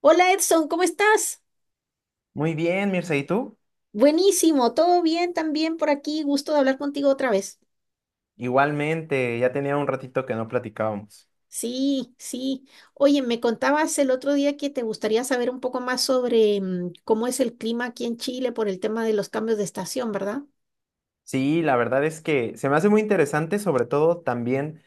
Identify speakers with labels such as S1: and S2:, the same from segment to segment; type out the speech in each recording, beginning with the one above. S1: Hola, Edson, ¿cómo estás?
S2: Muy bien, Mirza, ¿y tú?
S1: Buenísimo, todo bien también por aquí, gusto de hablar contigo otra vez.
S2: Igualmente, ya tenía un ratito que no platicábamos.
S1: Sí. Oye, me contabas el otro día que te gustaría saber un poco más sobre cómo es el clima aquí en Chile por el tema de los cambios de estación, ¿verdad?
S2: Sí, la verdad es que se me hace muy interesante, sobre todo también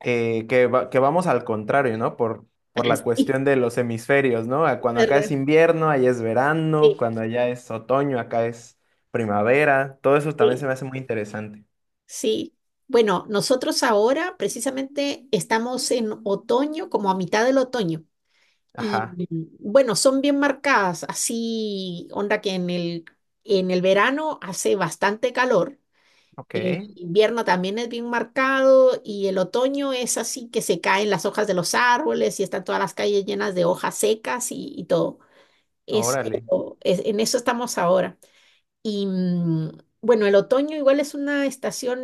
S2: que, que vamos al contrario, ¿no? Por la
S1: Sí,
S2: cuestión de los hemisferios, ¿no? Cuando acá es
S1: ¿verdad?
S2: invierno, allá es verano,
S1: Sí,
S2: cuando allá es otoño, acá es primavera. Todo eso también
S1: sí.
S2: se me hace muy interesante.
S1: Sí. Bueno, nosotros ahora precisamente estamos en otoño, como a mitad del otoño. Y
S2: Ajá,
S1: bueno, son bien marcadas, así onda que en el verano hace bastante calor,
S2: ok,
S1: invierno también es bien marcado y el otoño es así que se caen las hojas de los árboles y están todas las calles llenas de hojas secas y todo. Eso,
S2: órale.
S1: en eso estamos ahora. Y bueno, el otoño igual es una estación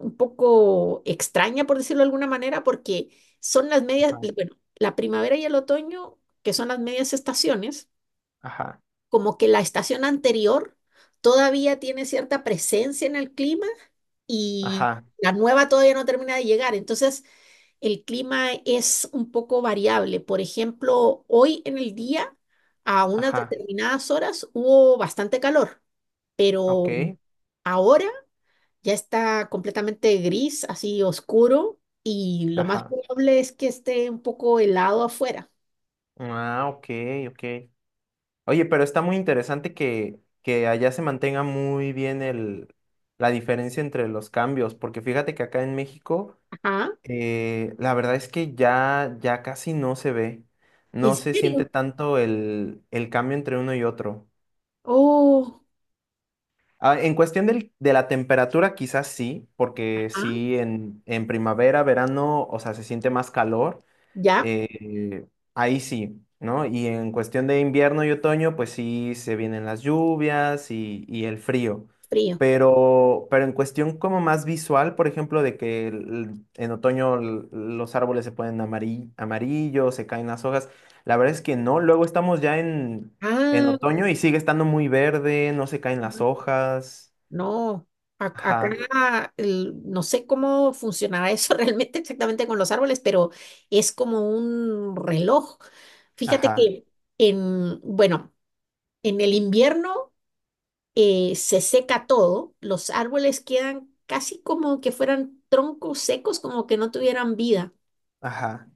S1: un poco extraña, por decirlo de alguna manera, porque son las medias,
S2: Ajá,
S1: bueno, la primavera y el otoño, que son las medias estaciones,
S2: ajá,
S1: como que la estación anterior todavía tiene cierta presencia en el clima y
S2: ajá,
S1: la nueva todavía no termina de llegar. Entonces, el clima es un poco variable. Por ejemplo, hoy en el día, a unas
S2: ajá,
S1: determinadas horas, hubo bastante calor, pero...
S2: ok,
S1: Ahora ya está completamente gris, así oscuro, y lo más
S2: ajá.
S1: probable es que esté un poco helado afuera.
S2: Ah, ok, ok. Oye, pero está muy interesante que allá se mantenga muy bien la diferencia entre los cambios, porque fíjate que acá en México,
S1: Ajá.
S2: la verdad es que ya casi no se ve,
S1: ¿En
S2: no se siente
S1: serio?
S2: tanto el cambio entre uno y otro.
S1: Oh,
S2: Ah, en cuestión de la temperatura, quizás sí, porque
S1: ajá,
S2: sí, en primavera, verano, o sea, se siente más calor.
S1: ya,
S2: Eh, ahí sí, ¿no? Y en cuestión de invierno y otoño, pues sí se vienen las lluvias y el frío.
S1: frío.
S2: Pero en cuestión como más visual, por ejemplo, de que en otoño los árboles se ponen amarillos, amarillo, se caen las hojas, la verdad es que no. Luego estamos ya en
S1: Ah,
S2: otoño y sigue estando muy verde, no se caen las hojas.
S1: no.
S2: Ajá,
S1: Acá no sé cómo funcionará eso realmente exactamente con los árboles, pero es como un reloj. Fíjate
S2: ajá,
S1: que bueno, en el invierno. Se seca todo, los árboles quedan casi como que fueran troncos secos, como que no tuvieran vida.
S2: ajá,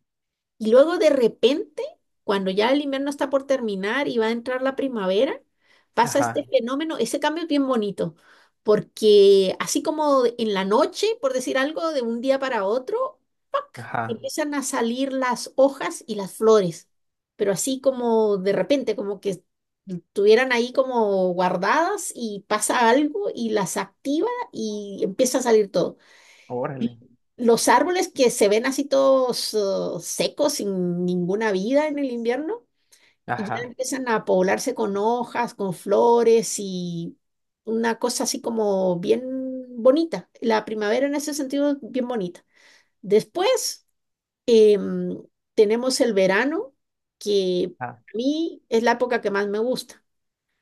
S1: Y luego de repente, cuando ya el invierno está por terminar y va a entrar la primavera, pasa este
S2: ajá,
S1: fenómeno, ese cambio es bien bonito, porque así como en la noche, por decir algo, de un día para otro, ¡pac!
S2: ajá.
S1: Empiezan a salir las hojas y las flores, pero así como de repente, como que estuvieran ahí como guardadas y pasa algo y las activa y empieza a salir todo.
S2: Órale.
S1: Los árboles que se ven así todos secos, sin ninguna vida en el invierno, y ya
S2: Ajá,
S1: empiezan a poblarse con hojas, con flores y una cosa así como bien bonita. La primavera en ese sentido es bien bonita. Después em, tenemos el verano, que
S2: ajá.
S1: a mí es la época que más me gusta.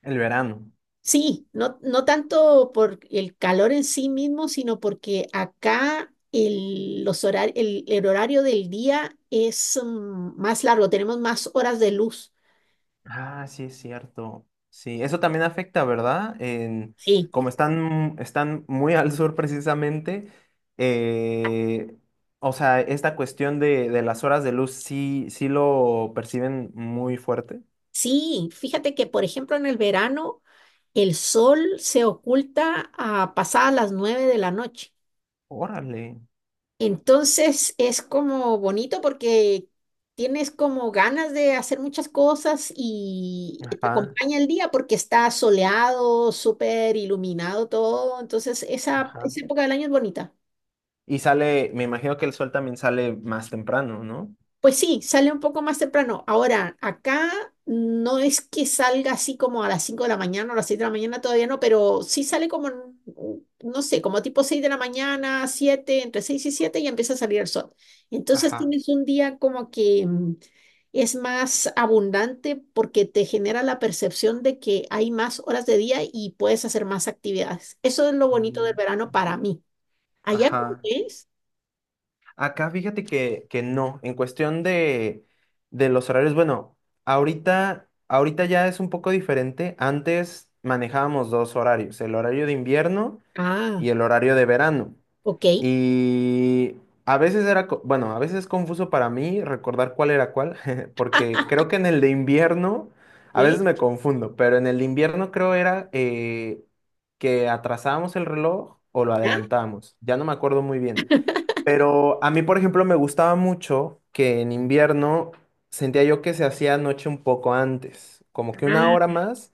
S2: El verano.
S1: Sí, no, no tanto por el calor en sí mismo, sino porque acá el, el horario del día es más largo, tenemos más horas de luz.
S2: Ah, sí, es cierto. Sí, eso también afecta, ¿verdad? En,
S1: Sí,
S2: como están, están muy al sur precisamente, eh, o sea, esta cuestión de las horas de luz sí, sí lo perciben muy fuerte.
S1: sí, fíjate que por ejemplo en el verano el sol se oculta a pasadas las nueve de la noche.
S2: Órale.
S1: Entonces es como bonito porque tienes como ganas de hacer muchas cosas y te
S2: Ajá,
S1: acompaña el día porque está soleado, súper iluminado todo. Entonces
S2: ajá.
S1: esa época del año es bonita.
S2: Y sale, me imagino que el sol también sale más temprano, ¿no?
S1: Pues sí, sale un poco más temprano. Ahora, acá no es que salga así como a las 5 de la mañana o a las 6 de la mañana, todavía no, pero sí sale como, no sé, como tipo 6 de la mañana, siete, entre 6 y siete, y empieza a salir el sol. Entonces
S2: Ajá.
S1: tienes un día como que es más abundante porque te genera la percepción de que hay más horas de día y puedes hacer más actividades. Eso es lo bonito del
S2: Mm,
S1: verano para mí. ¿Allá cómo
S2: ajá.
S1: es?
S2: Acá fíjate que no, en cuestión de los horarios, bueno, ahorita ya es un poco diferente. Antes manejábamos dos horarios, el horario de invierno
S1: Ah,
S2: y el horario de verano.
S1: ok.
S2: Y a veces era, bueno, a veces es confuso para mí recordar cuál era cuál, porque creo que en el de invierno, a veces
S1: ¿Sí?
S2: me confundo, pero en el de invierno creo era que atrasábamos el reloj o lo
S1: ¿Ya?
S2: adelantábamos. Ya no me acuerdo muy bien. Pero a mí, por ejemplo, me gustaba mucho que en invierno sentía yo que se hacía noche un poco antes, como que una hora
S1: Ah,
S2: más.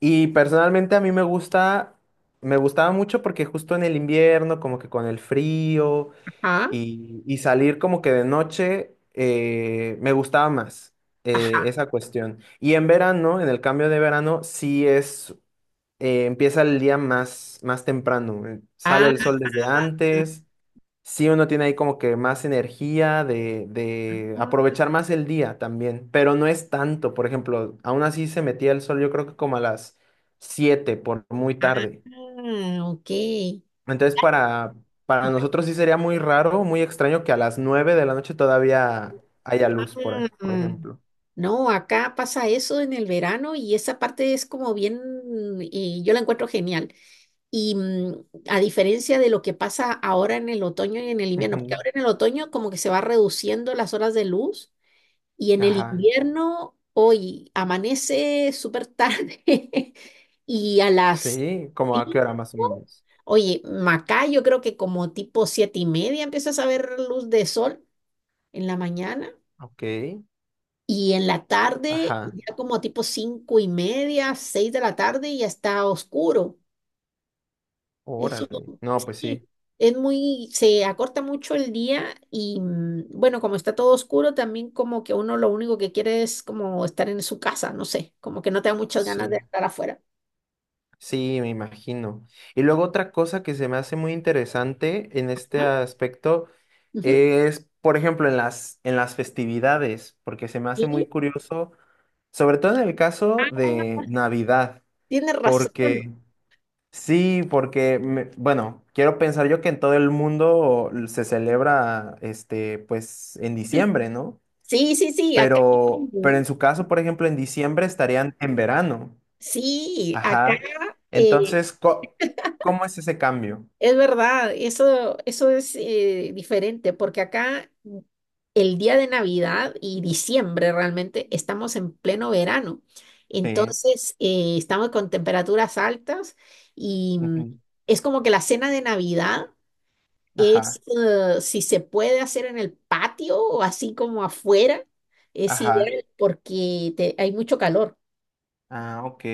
S2: Y personalmente a mí me gusta, me gustaba mucho porque justo en el invierno, como que con el frío
S1: ajá,
S2: y salir como que de noche, me gustaba más
S1: ajá.
S2: esa cuestión. Y en verano, en el cambio de verano, sí es, empieza el día más, más temprano, sale
S1: Ah,
S2: el sol desde antes. Sí, uno tiene ahí como que más energía de aprovechar más el día también, pero no es tanto. Por ejemplo, aún así se metía el sol, yo creo que como a las 7 por muy tarde.
S1: ah, ok.
S2: Entonces, para nosotros sí sería muy raro, muy extraño que a las 9 de la noche todavía haya luz,
S1: Ah,
S2: por ejemplo.
S1: no, acá pasa eso en el verano y esa parte es como bien, yo la encuentro genial. Y a diferencia de lo que pasa ahora en el otoño y en el invierno, porque
S2: Ujú.
S1: ahora en el otoño como que se va reduciendo las horas de luz. Y en el
S2: Ajá.
S1: invierno, hoy amanece súper tarde y a las
S2: Sí, como a qué hora más o
S1: 5,
S2: menos.
S1: oye, Macá, yo creo que como tipo siete y media empiezas a ver luz de sol en la mañana,
S2: Ok.
S1: y en la tarde
S2: Ajá.
S1: ya como tipo cinco y media, seis de la tarde, ya está oscuro. Eso,
S2: Órale. No, pues
S1: sí,
S2: sí.
S1: es muy, se acorta mucho el día y bueno, como está todo oscuro, también como que uno lo único que quiere es como estar en su casa, no sé, como que no te da muchas ganas de
S2: Sí.
S1: estar afuera.
S2: Sí, me imagino. Y luego otra cosa que se me hace muy interesante en este
S1: ¿No?
S2: aspecto
S1: Ujú.
S2: es, por ejemplo, en en las festividades, porque se me hace
S1: Y
S2: muy curioso, sobre todo en el caso
S1: ah,
S2: de Navidad,
S1: tienes razón.
S2: porque sí, porque, bueno, quiero pensar yo que en todo el mundo se celebra, este, pues, en diciembre, ¿no?
S1: Sí, acá
S2: Pero en
S1: ¿no?
S2: su caso, por ejemplo, en diciembre estarían en verano.
S1: Sí, acá
S2: Ajá.
S1: eh,
S2: Entonces, ¿cómo es ese cambio?
S1: es verdad, eso es diferente, porque acá el día de Navidad y diciembre realmente estamos en pleno verano.
S2: Sí,
S1: Entonces, estamos con temperaturas altas y
S2: ujú,
S1: es como que la cena de Navidad es,
S2: ajá.
S1: si se puede hacer en el patio o así como afuera, es
S2: Ajá.
S1: ideal porque hay mucho calor
S2: Ah, ok.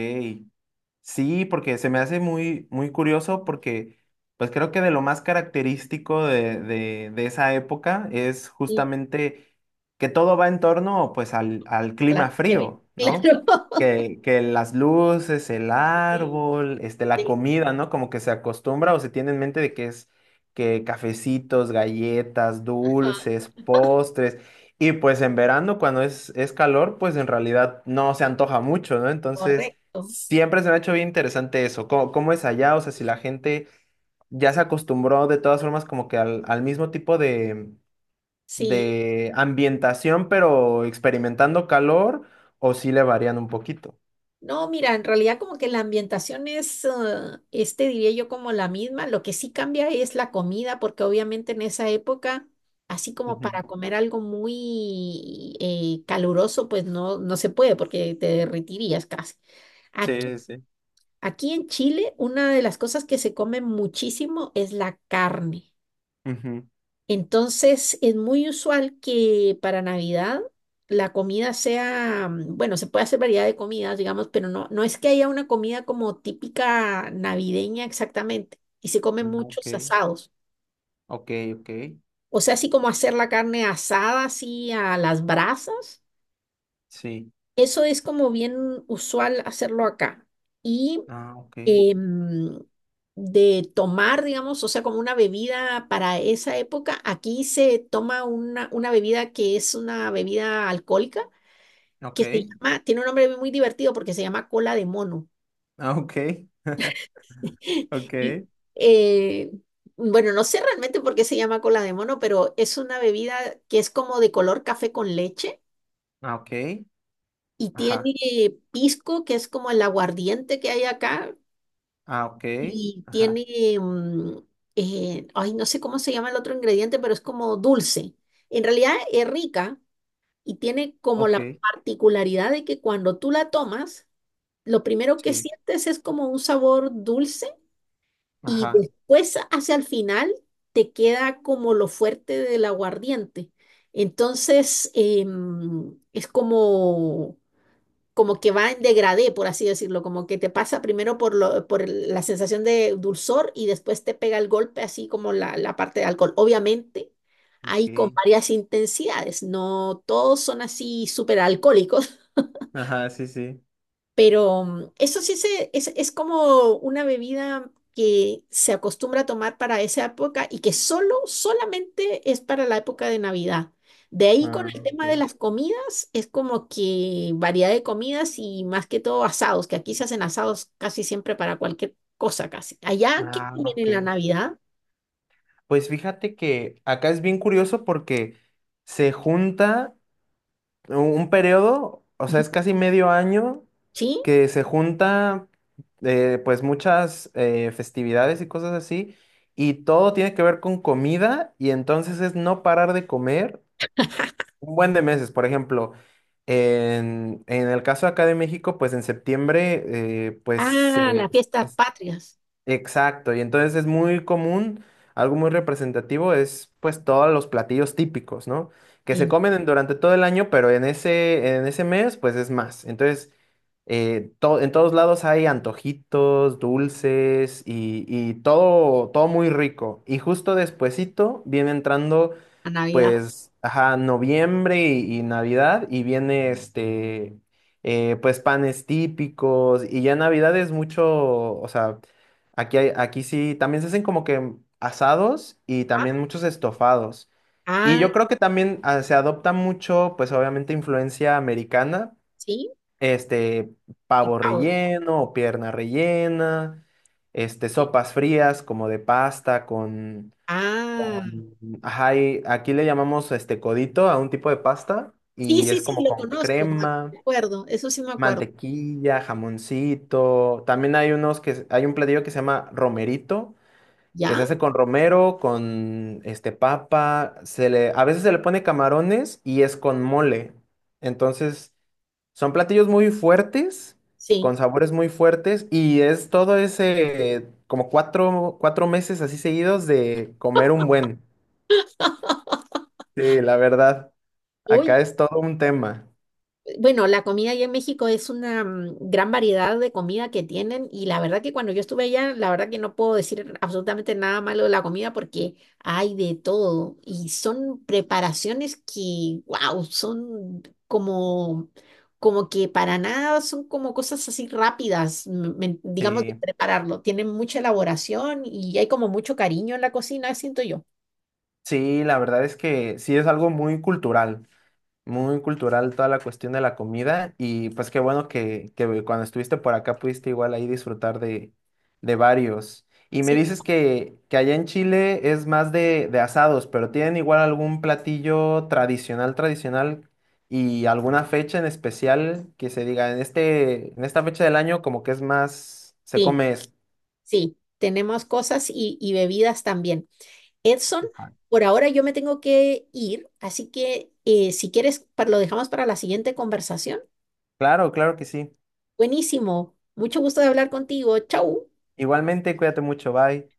S2: Sí, porque se me hace muy, muy curioso porque pues creo que de lo más característico de esa época es
S1: y
S2: justamente que todo va en torno pues al
S1: a la
S2: clima
S1: nieve.
S2: frío, ¿no?
S1: Claro.
S2: Que las luces, el
S1: Sí,
S2: árbol, este, la
S1: sí,
S2: comida, ¿no? Como que se acostumbra o se tiene en mente de que es que cafecitos, galletas,
S1: ajá,
S2: dulces, postres. Y pues en verano, cuando es calor, pues en realidad no se antoja mucho, ¿no? Entonces,
S1: correcto.
S2: siempre se me ha hecho bien interesante eso. ¿Cómo, cómo es allá? O sea, si la gente ya se acostumbró de todas formas como que al mismo tipo
S1: Sí.
S2: de ambientación, pero experimentando calor, o si le varían un poquito.
S1: No, mira, en realidad como que la ambientación es, ah, este diría yo como la misma, lo que sí cambia es la comida, porque obviamente en esa época, así como para
S2: Ujú.
S1: comer algo muy caluroso, pues no, no se puede porque te derretirías casi. Aquí,
S2: Sí, sí.
S1: aquí en Chile, una de las cosas que se come muchísimo es la carne.
S2: Ujú.
S1: Entonces, es muy usual que para Navidad la comida sea, bueno, se puede hacer variedad de comidas, digamos, pero no, no es que haya una comida como típica navideña exactamente. Y se comen
S2: Ah, ok,
S1: muchos asados.
S2: ok, ok.
S1: O sea, así como hacer la carne asada, así a las brasas.
S2: Sí.
S1: Eso es como bien usual hacerlo acá. Y
S2: Ah, ok.
S1: em, de tomar, digamos, o sea, como una bebida para esa época, aquí se toma una bebida que es una bebida alcohólica,
S2: Ok.
S1: que se llama, tiene un nombre muy divertido porque se llama Cola de Mono.
S2: Ah, ok.
S1: Y,
S2: Ok.
S1: eh, bueno, no sé realmente por qué se llama Cola de Mono, pero es una bebida que es como de color café con leche
S2: Ah, ok.
S1: y
S2: Ajá.
S1: tiene pisco, que es como el aguardiente que hay acá.
S2: Ah, ok.
S1: Y
S2: Ajá.
S1: tiene, mm, ay, no sé cómo se llama el otro ingrediente, pero es como dulce. En realidad es rica y tiene como la
S2: Ok.
S1: particularidad de que cuando tú la tomas, lo primero que
S2: Sí.
S1: sientes es como un sabor dulce y
S2: Ajá.
S1: después hacia el final te queda como lo fuerte del aguardiente. Entonces, es como como que va en degradé, por así decirlo, como que te pasa primero por, por la sensación de dulzor y después te pega el golpe, así como la parte de alcohol. Obviamente, hay
S2: Ok.
S1: con varias intensidades, no todos son así súper alcohólicos.
S2: Ajá, sí, sí.
S1: Pero eso sí se, es como una bebida que se acostumbra a tomar para esa época y que solamente es para la época de Navidad. De ahí con
S2: Ah,
S1: el tema de
S2: ok.
S1: las comidas, es como que variedad de comidas y más que todo asados, que aquí se hacen asados casi siempre para cualquier cosa casi. Allá, ¿qué
S2: Ah,
S1: comen
S2: ok.
S1: en la Navidad?
S2: Pues fíjate que acá es bien curioso porque se junta un periodo, o sea, es
S1: Ujú.
S2: casi medio año
S1: ¿Sí?
S2: que se junta pues muchas festividades y cosas así, y todo tiene que ver con comida, y entonces es no parar de comer un buen de meses, por ejemplo, en el caso acá de México, pues en septiembre, pues
S1: Ah, las fiestas
S2: es-
S1: patrias.
S2: exacto, y entonces es muy común, algo muy representativo es pues todos los platillos típicos, ¿no? Que se
S1: Sí,
S2: comen durante todo el año, pero en en ese mes, pues es más. Entonces, en todos lados hay antojitos, dulces y todo, todo muy rico. Y justo despuesito viene entrando
S1: la Navidad.
S2: pues, ajá, noviembre y Navidad, y viene este, pues panes típicos, y ya Navidad es mucho, o sea, aquí, aquí sí, también se hacen como que asados y
S1: Ah,
S2: también muchos estofados. Y
S1: ah,
S2: yo creo que también ah, se adopta mucho, pues obviamente influencia americana,
S1: sí,
S2: este,
S1: el
S2: pavo
S1: pavo.
S2: relleno o pierna rellena, este,
S1: Sí.
S2: sopas frías como de pasta
S1: Ah.
S2: con- ajá, y aquí le llamamos este codito a un tipo de pasta
S1: Sí,
S2: y
S1: sí,
S2: es
S1: sí,
S2: como
S1: lo
S2: con
S1: conozco, ah, me
S2: crema,
S1: acuerdo, eso sí me acuerdo.
S2: mantequilla, jamoncito. También hay unos que hay un platillo que se llama romerito, que
S1: ¿Ya?
S2: se hace con romero, con este papa, se le a veces se le pone camarones y es con mole. Entonces, son platillos muy fuertes,
S1: Sí.
S2: con sabores muy fuertes y es todo ese como cuatro, cuatro meses así seguidos de comer un buen. Sí, la verdad,
S1: Uy,
S2: acá es todo un tema.
S1: bueno, la comida allá en México es una gran variedad de comida que tienen y la verdad que cuando yo estuve allá, la verdad que no puedo decir absolutamente nada malo de la comida porque hay de todo y son preparaciones que, wow, son como, como que para nada son como cosas así rápidas, digamos, de
S2: Sí,
S1: prepararlo. Tienen mucha elaboración y hay como mucho cariño en la cocina, siento yo.
S2: sí, la verdad es que sí es algo muy cultural toda la cuestión de la comida y pues qué bueno que cuando estuviste por acá pudiste igual ahí disfrutar de varios. Y me
S1: ¿Sí?
S2: dices que allá en Chile es más de asados, pero ¿tienen igual algún platillo tradicional, tradicional y alguna fecha en especial que se diga en este, en esta fecha del año como que es más, se
S1: Sí,
S2: come esto?
S1: sí, tenemos cosas y bebidas también. Edson, por ahora yo me tengo que ir, así que si quieres, lo dejamos para la siguiente conversación.
S2: Claro, claro que sí.
S1: Buenísimo, mucho gusto de hablar contigo. Chau.
S2: Igualmente, cuídate mucho, bye.